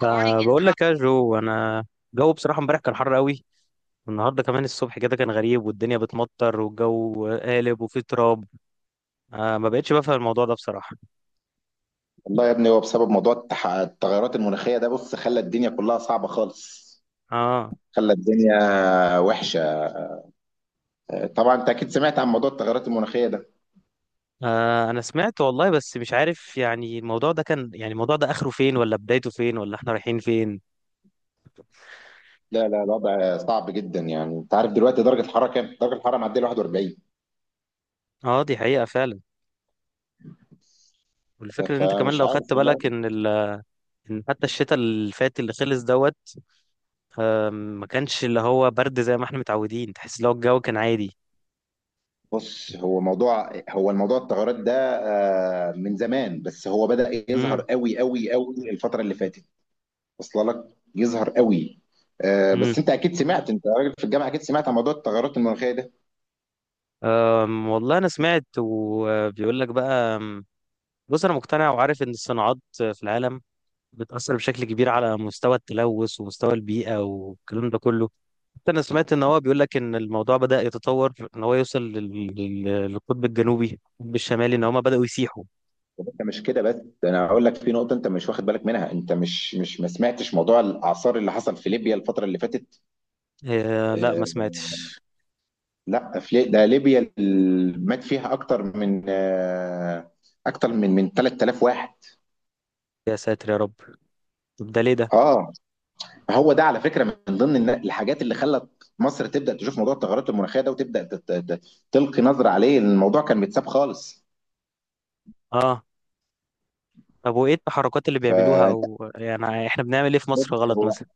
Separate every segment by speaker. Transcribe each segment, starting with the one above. Speaker 1: فبقول لك يا جو، انا الجو بصراحه امبارح كان حر قوي. النهارده كمان الصبح كده كان غريب، والدنيا بتمطر والجو قالب وفيه تراب. آه، ما بقتش بفهم الموضوع ده بصراحه.
Speaker 2: والله يا ابني، هو بسبب موضوع التغيرات المناخية ده. بص، خلى الدنيا كلها صعبة خالص.
Speaker 1: آه.
Speaker 2: خلى الدنيا وحشة. طبعا انت اكيد سمعت عن موضوع التغيرات المناخية ده.
Speaker 1: اه، انا سمعت والله، بس مش عارف يعني الموضوع ده اخره فين، ولا بدايته فين، ولا احنا رايحين فين؟
Speaker 2: لا لا، الوضع صعب جدا. يعني انت عارف دلوقتي درجة الحرارة كام؟ درجة الحرارة معدية 41.
Speaker 1: اه، دي حقيقه فعلا. والفكره ان انت كمان
Speaker 2: فمش
Speaker 1: لو خدت
Speaker 2: عارف والله.
Speaker 1: بالك ان ان حتى الشتاء اللي فات اللي خلص دوت، ما كانش اللي هو برد زي ما احنا متعودين، تحس لو الجو كان عادي.
Speaker 2: بص، هو موضوع هو الموضوع التغيرات ده من زمان، بس هو بدأ يظهر
Speaker 1: امم.
Speaker 2: قوي قوي قوي الفترة اللي فاتت. وصل لك؟ يظهر قوي. بس انت اكيد سمعت، انت راجل في الجامعة، اكيد سمعت عن موضوع التغيرات المناخية ده.
Speaker 1: والله انا سمعت وبيقول لك بقى. بص، انا مقتنع وعارف ان الصناعات في العالم بتأثر بشكل كبير على مستوى التلوث ومستوى البيئة والكلام ده كله. حتى انا سمعت ان هو بيقول لك ان الموضوع بدأ يتطور، ان هو يوصل للقطب الجنوبي، القطب الشمالي، ان هما بدأوا يسيحوا.
Speaker 2: انت مش كده بس، ده انا هقول لك في نقطه انت مش واخد بالك منها. انت مش ما سمعتش موضوع الاعصار اللي حصل في ليبيا الفتره اللي فاتت؟
Speaker 1: إيه؟ لا، ما
Speaker 2: آه
Speaker 1: سمعتش.
Speaker 2: لا، ده ليبيا اللي مات فيها اكتر من 3000 واحد.
Speaker 1: يا ساتر يا رب! طب ده ليه ده؟
Speaker 2: اه، هو ده على فكره من ضمن الحاجات اللي خلت مصر تبدا تشوف موضوع التغيرات المناخيه ده، وتبدا تلقي نظره عليه. الموضوع كان متساب خالص.
Speaker 1: اه. طب، وايه التحركات اللي بيعملوها،
Speaker 2: فانت
Speaker 1: او يعني احنا بنعمل ايه في
Speaker 2: بص،
Speaker 1: مصر غلط
Speaker 2: هو
Speaker 1: مثلا؟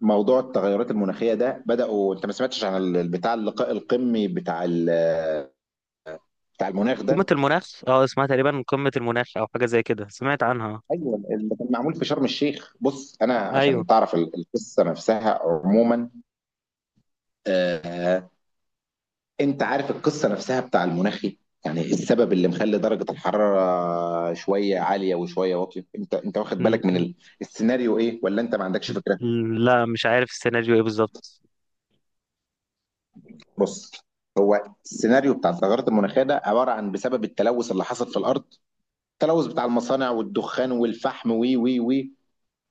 Speaker 2: موضوع التغيرات المناخيه ده بداوا. انت ما سمعتش عن بتاع اللقاء القمي بتاع المناخ
Speaker 1: قمة
Speaker 2: ده؟
Speaker 1: المناخ، اه، اسمها تقريبا قمة المناخ او حاجة زي كده، سمعت عنها.
Speaker 2: ايوه، اللي كان معمول في شرم الشيخ. بص، انا
Speaker 1: ايوه.
Speaker 2: عشان تعرف القصه نفسها عموما. آه، انت عارف القصه نفسها بتاع المناخي؟ يعني إيه السبب اللي مخلي درجه الحراره شويه عاليه وشويه واطيه؟ انت واخد
Speaker 1: م-
Speaker 2: بالك من
Speaker 1: م-
Speaker 2: السيناريو ايه، ولا انت ما عندكش فكره؟
Speaker 1: لا، مش عارف السيناريو ايه بالظبط.
Speaker 2: بص، هو السيناريو بتاع التغيرات المناخيه ده عباره عن بسبب التلوث اللي حصل في الارض. التلوث بتاع المصانع والدخان والفحم وي وي وي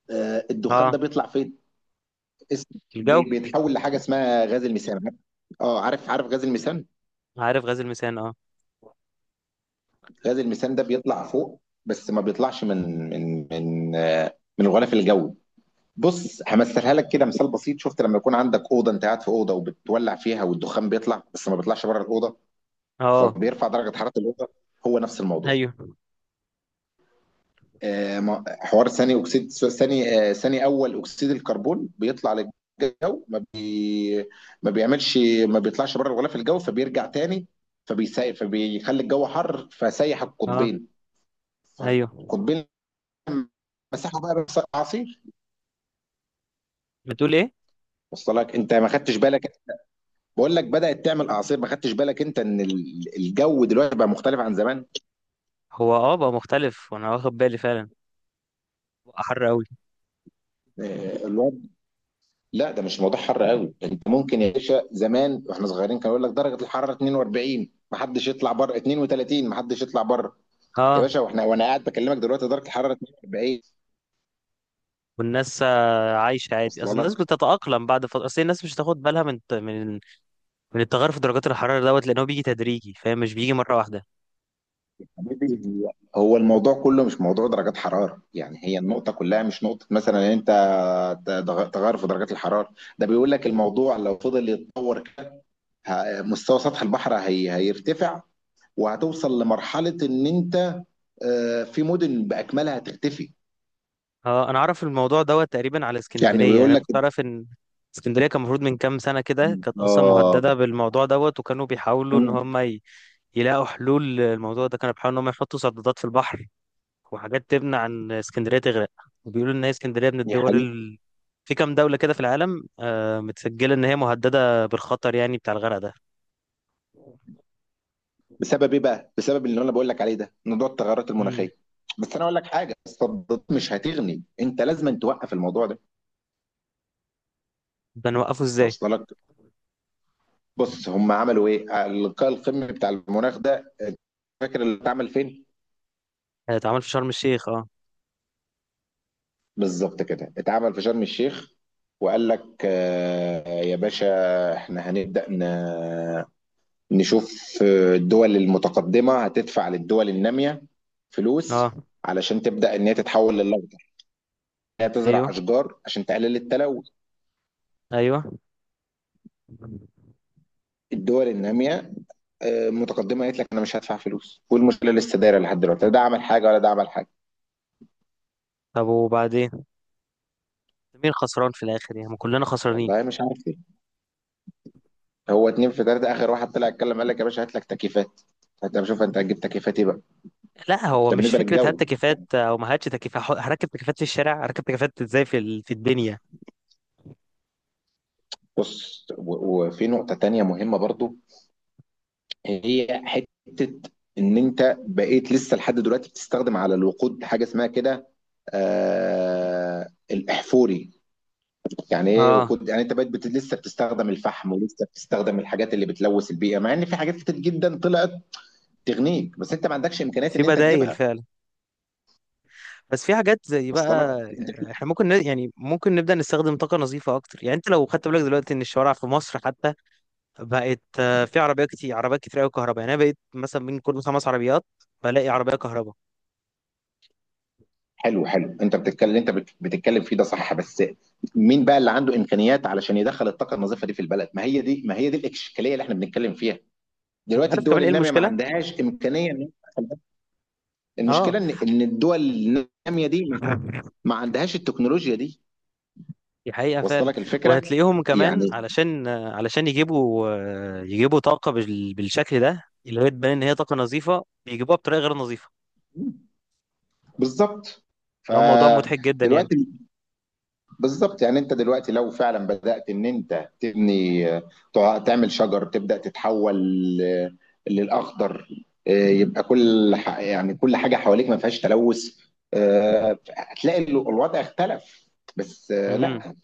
Speaker 2: الدخان ده
Speaker 1: اه.
Speaker 2: بيطلع فين؟
Speaker 1: الجو.
Speaker 2: بيتحول لحاجه اسمها غاز الميثان. اه، عارف عارف غاز الميثان.
Speaker 1: عارف غاز الميثان، اه.
Speaker 2: غاز الميثان ده بيطلع فوق، بس ما بيطلعش من الغلاف الجوي. بص، همثلها لك كده مثال بسيط. شفت لما يكون عندك اوضه؟ انت قاعد في اوضه وبتولع فيها، والدخان بيطلع بس ما بيطلعش بره الاوضه،
Speaker 1: اه.
Speaker 2: فبيرفع درجه حراره الاوضه. هو نفس الموضوع.
Speaker 1: ايوه.
Speaker 2: حوار ثاني اكسيد ثاني اول اكسيد الكربون بيطلع للجو. ما بيعملش ما بيطلعش بره الغلاف الجوي، فبيرجع تاني، فبيسيح، فبيخلي الجو حر، فسيح
Speaker 1: اه.
Speaker 2: القطبين.
Speaker 1: ايوه.
Speaker 2: فالقطبين مسحوا بقى، بيحصل اعاصير.
Speaker 1: بتقول ايه؟
Speaker 2: وصل لك؟ انت ما خدتش بالك. بقول لك بدأت تعمل اعاصير، ما خدتش بالك انت ان الجو دلوقتي بقى مختلف عن زمان.
Speaker 1: هو اه بقى مختلف وانا واخد بالي فعلا. بقى حر قوي.
Speaker 2: آه، الوضع لا، ده مش موضوع حر قوي. انت ممكن يا باشا زمان واحنا صغيرين كانوا يقول لك درجة الحرارة 42 ما حدش يطلع بره، 32 ما حدش يطلع بره. يا
Speaker 1: اه.
Speaker 2: باشا، واحنا وانا قاعد بكلمك دلوقتي درجة الحرارة 42.
Speaker 1: والناس عايشه عادي، اصل
Speaker 2: وصل
Speaker 1: الناس
Speaker 2: لك
Speaker 1: بتتاقلم بعد فتره، اصل الناس مش هتاخد بالها من التغير في درجات الحراره دوت، لان هو بيجي تدريجي فاهم، مش بيجي مره واحده.
Speaker 2: حبيبي. هو الموضوع كله مش موضوع درجات حرارة. يعني هي النقطة كلها مش نقطة مثلا ان انت تغير في درجات الحرارة ده، بيقول لك الموضوع لو فضل يتطور، مستوى سطح البحر هي هيرتفع، وهتوصل لمرحلة ان انت في مدن بأكملها هتختفي.
Speaker 1: اه، انا اعرف الموضوع دوت تقريبا على
Speaker 2: يعني
Speaker 1: اسكندريه، يعني
Speaker 2: بيقول
Speaker 1: انا
Speaker 2: لك،
Speaker 1: كنت اعرف ان اسكندريه كان المفروض من كام سنه كده كانت اصلا
Speaker 2: اه
Speaker 1: مهدده بالموضوع دوت، وكانوا بيحاولوا ان
Speaker 2: مم.
Speaker 1: هم يلاقوا حلول للموضوع ده. كانوا بيحاولوا ان هم يحطوا سدادات في البحر وحاجات تمنع ان اسكندريه تغرق. وبيقولوا ان هي اسكندريه من
Speaker 2: يا
Speaker 1: الدول
Speaker 2: حبيبي،
Speaker 1: في كام دوله كده في العالم، متسجله ان هي مهدده بالخطر، يعني بتاع الغرق ده.
Speaker 2: بسبب ايه بقى؟ بسبب اللي انا بقول لك عليه ده، موضوع التغيرات
Speaker 1: امم.
Speaker 2: المناخية. بس انا اقول لك حاجة، الصدات مش هتغني. انت لازم توقف الموضوع ده.
Speaker 1: ده نوقفه ازاي؟
Speaker 2: واصل لك؟ بص، هم عملوا ايه؟ اللقاء القمه بتاع المناخ ده، أنت فاكر اللي اتعمل فين؟
Speaker 1: اتعمل في شرم الشيخ، اه.
Speaker 2: بالظبط كده، اتعمل في شرم الشيخ. وقال لك يا باشا احنا هنبدأ نشوف. الدول المتقدمة هتدفع للدول النامية
Speaker 1: اه.
Speaker 2: فلوس علشان تبدأ ان هي تتحول للأخضر، إن هي
Speaker 1: ايوه.
Speaker 2: تزرع أشجار عشان تقلل التلوث.
Speaker 1: ايوه.
Speaker 2: الدول النامية آه، متقدمة قالت لك انا مش هدفع فلوس، والمشكلة لسه دايرة لحد دلوقتي، لا ده عمل حاجة ولا ده عمل حاجة.
Speaker 1: طب وبعدين؟ مين خسران في الاخر؟ يعني ما كلنا خسرانين.
Speaker 2: والله مش عارف. هو اتنين في تلاته، اخر واحد طلع اتكلم قال لك يا باشا هات لك تكييفات. هات يا باشا، شوف انت هتجيب تكييفات ايه بقى.
Speaker 1: لا، هو
Speaker 2: ده
Speaker 1: مش
Speaker 2: بالنسبه
Speaker 1: فكره هات
Speaker 2: للجو.
Speaker 1: تكييفات او ما هاتش تكييفات. هركب تكييفات في الشارع، هركب تكييفات ازاي في في الدنيا؟
Speaker 2: بص، وفي نقطه تانية مهمه برضو، هي حته ان انت بقيت لسه لحد دلوقتي بتستخدم على الوقود حاجه اسمها كده، الاحفوري. يعني ايه
Speaker 1: اه،
Speaker 2: وقود؟ يعني انت بقيت لسه بتستخدم الفحم، ولسه بتستخدم الحاجات اللي بتلوث البيئه، مع ان في حاجات كتير جدا طلعت تغنيك، بس انت ما عندكش امكانيات
Speaker 1: في
Speaker 2: ان انت
Speaker 1: بدايل
Speaker 2: تجيبها.
Speaker 1: فعلا. بس في حاجات زي
Speaker 2: وصل لك
Speaker 1: بقى.
Speaker 2: انت؟
Speaker 1: احنا ممكن يعني ممكن نبدا نستخدم طاقه نظيفه اكتر. يعني انت لو خدت بالك دلوقتي ان الشوارع في مصر حتى بقت في عربيات كتير، عربيات كتير قوي كهرباء. يعني انا بقيت مثلا من كل خمس عربيات بلاقي عربيه كهرباء.
Speaker 2: حلو حلو، انت بتتكلم اللي انت بتتكلم فيه ده صح، بس مين بقى اللي عنده امكانيات علشان يدخل الطاقه النظيفه دي في البلد؟ ما هي دي الاشكاليه اللي احنا بنتكلم فيها.
Speaker 1: انت
Speaker 2: دلوقتي
Speaker 1: عارف
Speaker 2: الدول
Speaker 1: كمان ايه
Speaker 2: الناميه ما
Speaker 1: المشكله؟
Speaker 2: عندهاش امكانيه ان هي تدخل ده.
Speaker 1: اه.
Speaker 2: المشكله ان الدول الناميه دي ما عندهاش التكنولوجيا دي.
Speaker 1: دي حقيقة
Speaker 2: وصل
Speaker 1: فعلا.
Speaker 2: لك الفكره؟
Speaker 1: وهتلاقيهم كمان
Speaker 2: يعني
Speaker 1: علشان يجيبوا طاقة بالشكل ده، اللي هي تبان ان هي طاقة نظيفة، بيجيبوها بطريقة غير نظيفة.
Speaker 2: بالظبط.
Speaker 1: اللي هو موضوع مضحك جدا يعني.
Speaker 2: فدلوقتي بالظبط، يعني انت دلوقتي لو فعلا بدأت ان انت تبني، تعمل شجر، تبدأ تتحول ل- للأخضر، يبقى كل يعني كل حاجة حواليك ما فيهاش تلوث. هتلاقي الوضع اختلف. بس
Speaker 1: امم.
Speaker 2: لا،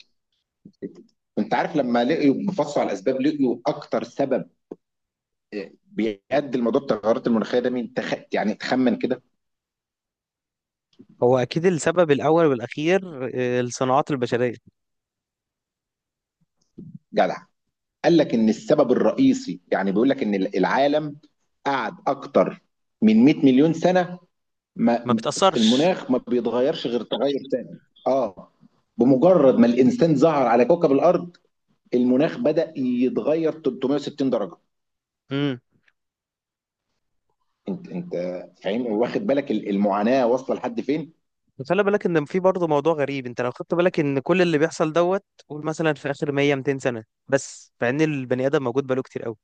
Speaker 2: انت عارف لما لقيوا بفصوا على الاسباب لقيوا اكتر سبب بيؤدي لموضوع التغيرات المناخيه ده مين؟ يعني تخمن كده.
Speaker 1: هو اكيد السبب الاول والاخير، الصناعات البشرية.
Speaker 2: جدع. قال لك ان السبب الرئيسي، يعني بيقول لك ان العالم قعد اكتر من 100 مليون سنه،
Speaker 1: ما
Speaker 2: ما
Speaker 1: بتأثرش.
Speaker 2: المناخ ما بيتغيرش غير تغير تاني. اه، بمجرد ما الانسان ظهر على كوكب الارض المناخ بدأ يتغير 360 درجه.
Speaker 1: امم.
Speaker 2: انت فاهم واخد بالك المعاناه واصله لحد فين؟
Speaker 1: خلي بالك ان في برضه موضوع غريب. انت لو خدت بالك ان كل اللي بيحصل دوت، قول مثلا في اخر 100، 200 سنة بس، مع ان البني ادم موجود بقاله كتير قوي.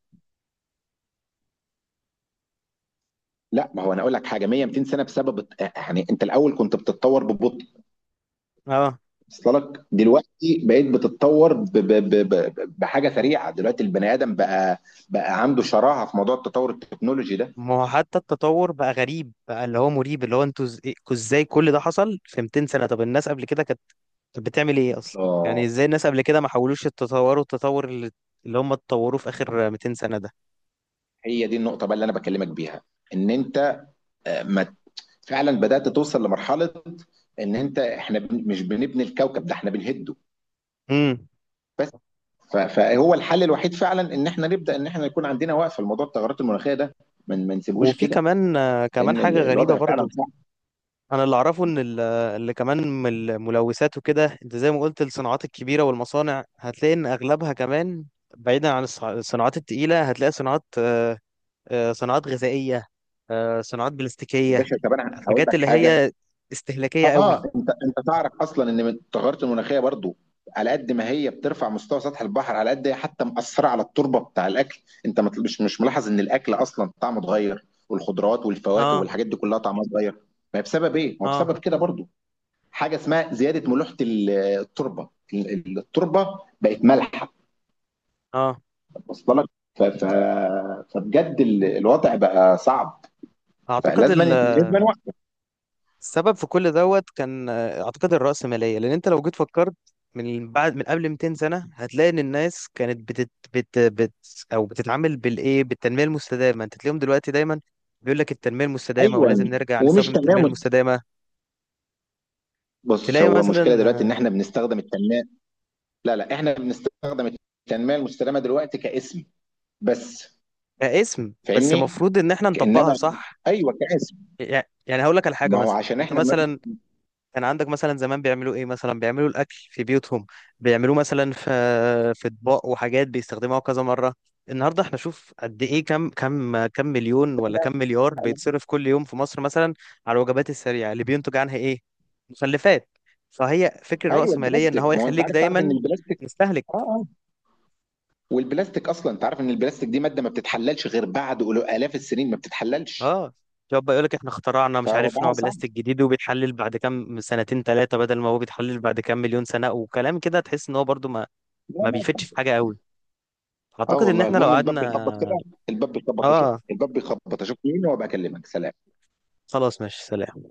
Speaker 2: لا، ما هو انا اقول لك حاجه، 100 200 سنه بسبب يعني انت الاول كنت بتتطور ببطء.
Speaker 1: اه.
Speaker 2: وصل لك؟ دلوقتي بقيت بتتطور بحاجه سريعه. دلوقتي البني ادم بقى عنده شراهه في موضوع التطور التكنولوجي ده.
Speaker 1: ما هو حتى التطور بقى غريب، بقى اللي هو مريب، اللي هو انتوا ازاي كل ده حصل في 200 سنة؟ طب الناس قبل كده كانت بتعمل ايه اصلا؟ يعني
Speaker 2: اه،
Speaker 1: ازاي الناس قبل كده ما حاولوش يتطوروا التطور اللي هم اتطوروا في اخر 200 سنة ده؟
Speaker 2: هي دي النقطه بقى اللي انا بكلمك بيها، ان انت ما فعلا بدأت توصل لمرحلة، ان انت احنا مش بنبني الكوكب ده، احنا بنهده.
Speaker 1: امم.
Speaker 2: بس فهو الحل الوحيد فعلا ان احنا نبدأ، ان احنا يكون عندنا وقفة لموضوع التغيرات المناخية ده. ما نسيبهوش
Speaker 1: وفي
Speaker 2: كده.
Speaker 1: كمان كمان
Speaker 2: لان
Speaker 1: حاجة غريبة
Speaker 2: الوضع فعلا
Speaker 1: برضو.
Speaker 2: صعب.
Speaker 1: انا اللي اعرفه ان اللي كمان من الملوثات وكده، انت زي ما قلت الصناعات الكبيرة والمصانع، هتلاقي ان اغلبها كمان بعيدا عن الصناعات التقيلة. هتلاقي صناعات، صناعات غذائية، صناعات
Speaker 2: يا
Speaker 1: بلاستيكية.
Speaker 2: باشا، طب انا هقول
Speaker 1: حاجات
Speaker 2: لك
Speaker 1: اللي
Speaker 2: حاجة.
Speaker 1: هي استهلاكية قوي.
Speaker 2: اه، انت تعرف اصلا ان التغيرات المناخيه برضو، على قد ما هي بترفع مستوى سطح البحر، على قد هي حتى مأثره على التربه بتاع الاكل. انت مش ملاحظ ان الاكل اصلا طعمه اتغير، والخضروات والفواكه
Speaker 1: اه.
Speaker 2: والحاجات دي كلها طعمها اتغير؟ ما هي بسبب ايه؟ ما هو
Speaker 1: اه.
Speaker 2: بسبب كده برضو، حاجه اسمها زياده ملوحه التربه. التربه بقت مالحه.
Speaker 1: اه.
Speaker 2: واصله لك؟ فبجد الوضع بقى صعب.
Speaker 1: اعتقد
Speaker 2: فلازم
Speaker 1: السبب في كل دوت كان، اعتقد الرأسمالية. لان انت لو جيت فكرت من بعد، من قبل 200 سنة، هتلاقي ان الناس كانت بتت بت بت او بتتعامل بالايه، بالتنمية المستدامة. انت تلاقيهم دلوقتي دايما بيقول لك التنمية المستدامة
Speaker 2: ايوه،
Speaker 1: ولازم نرجع
Speaker 2: ومش
Speaker 1: نستخدم التنمية
Speaker 2: تمام.
Speaker 1: المستدامة.
Speaker 2: بص،
Speaker 1: تلاقي
Speaker 2: هو
Speaker 1: مثلا
Speaker 2: المشكله دلوقتي ان
Speaker 1: آه،
Speaker 2: احنا بنستخدم التنميه. لا لا، احنا بنستخدم التنميه المستدامه دلوقتي كاسم بس.
Speaker 1: كاسم بس،
Speaker 2: فاهمني؟
Speaker 1: المفروض ان احنا نطبقها
Speaker 2: انما
Speaker 1: صح.
Speaker 2: ايوه كاسم.
Speaker 1: يعني هقول لك على حاجه.
Speaker 2: ما هو
Speaker 1: مثلا
Speaker 2: عشان
Speaker 1: انت
Speaker 2: احنا ما...
Speaker 1: مثلا كان عندك مثلا زمان بيعملوا ايه؟ مثلا بيعملوا الاكل في بيوتهم، بيعملوه مثلا في اطباق وحاجات بيستخدموها كذا مره. النهارده احنا شوف قد ايه، كم مليون ولا كم مليار بيتصرف كل يوم في مصر مثلا على الوجبات السريعه؟ اللي بينتج عنها ايه؟ مخلفات. فهي فكر
Speaker 2: ايوه
Speaker 1: الرأسمالية ان هو
Speaker 2: البلاستيك. ما هو انت
Speaker 1: يخليك
Speaker 2: عارف، تعرف ان
Speaker 1: دايما
Speaker 2: البلاستيك،
Speaker 1: مستهلك.
Speaker 2: اه اه، والبلاستيك اصلا انت عارف ان البلاستيك دي ماده ما بتتحللش غير بعد الاف السنين، ما بتتحللش.
Speaker 1: اه، شوف بقى، يقول لك احنا اخترعنا مش عارف نوع
Speaker 2: فوضعها صعب.
Speaker 1: بلاستيك جديد وبيتحلل بعد كام سنتين ثلاثه بدل ما هو بيتحلل بعد كام مليون سنه وكلام كده، تحس ان هو برضو ما
Speaker 2: لا
Speaker 1: ما
Speaker 2: لا.
Speaker 1: بيفيدش في حاجه قوي.
Speaker 2: اه
Speaker 1: اعتقد ان
Speaker 2: والله،
Speaker 1: احنا لو
Speaker 2: المهم الباب
Speaker 1: قعدنا.
Speaker 2: بيخبط كده. الباب بيخبط، اشوف
Speaker 1: اه،
Speaker 2: الباب بيخبط، اشوف مين وابقى اكلمك. سلام.
Speaker 1: خلاص ماشي، سلام.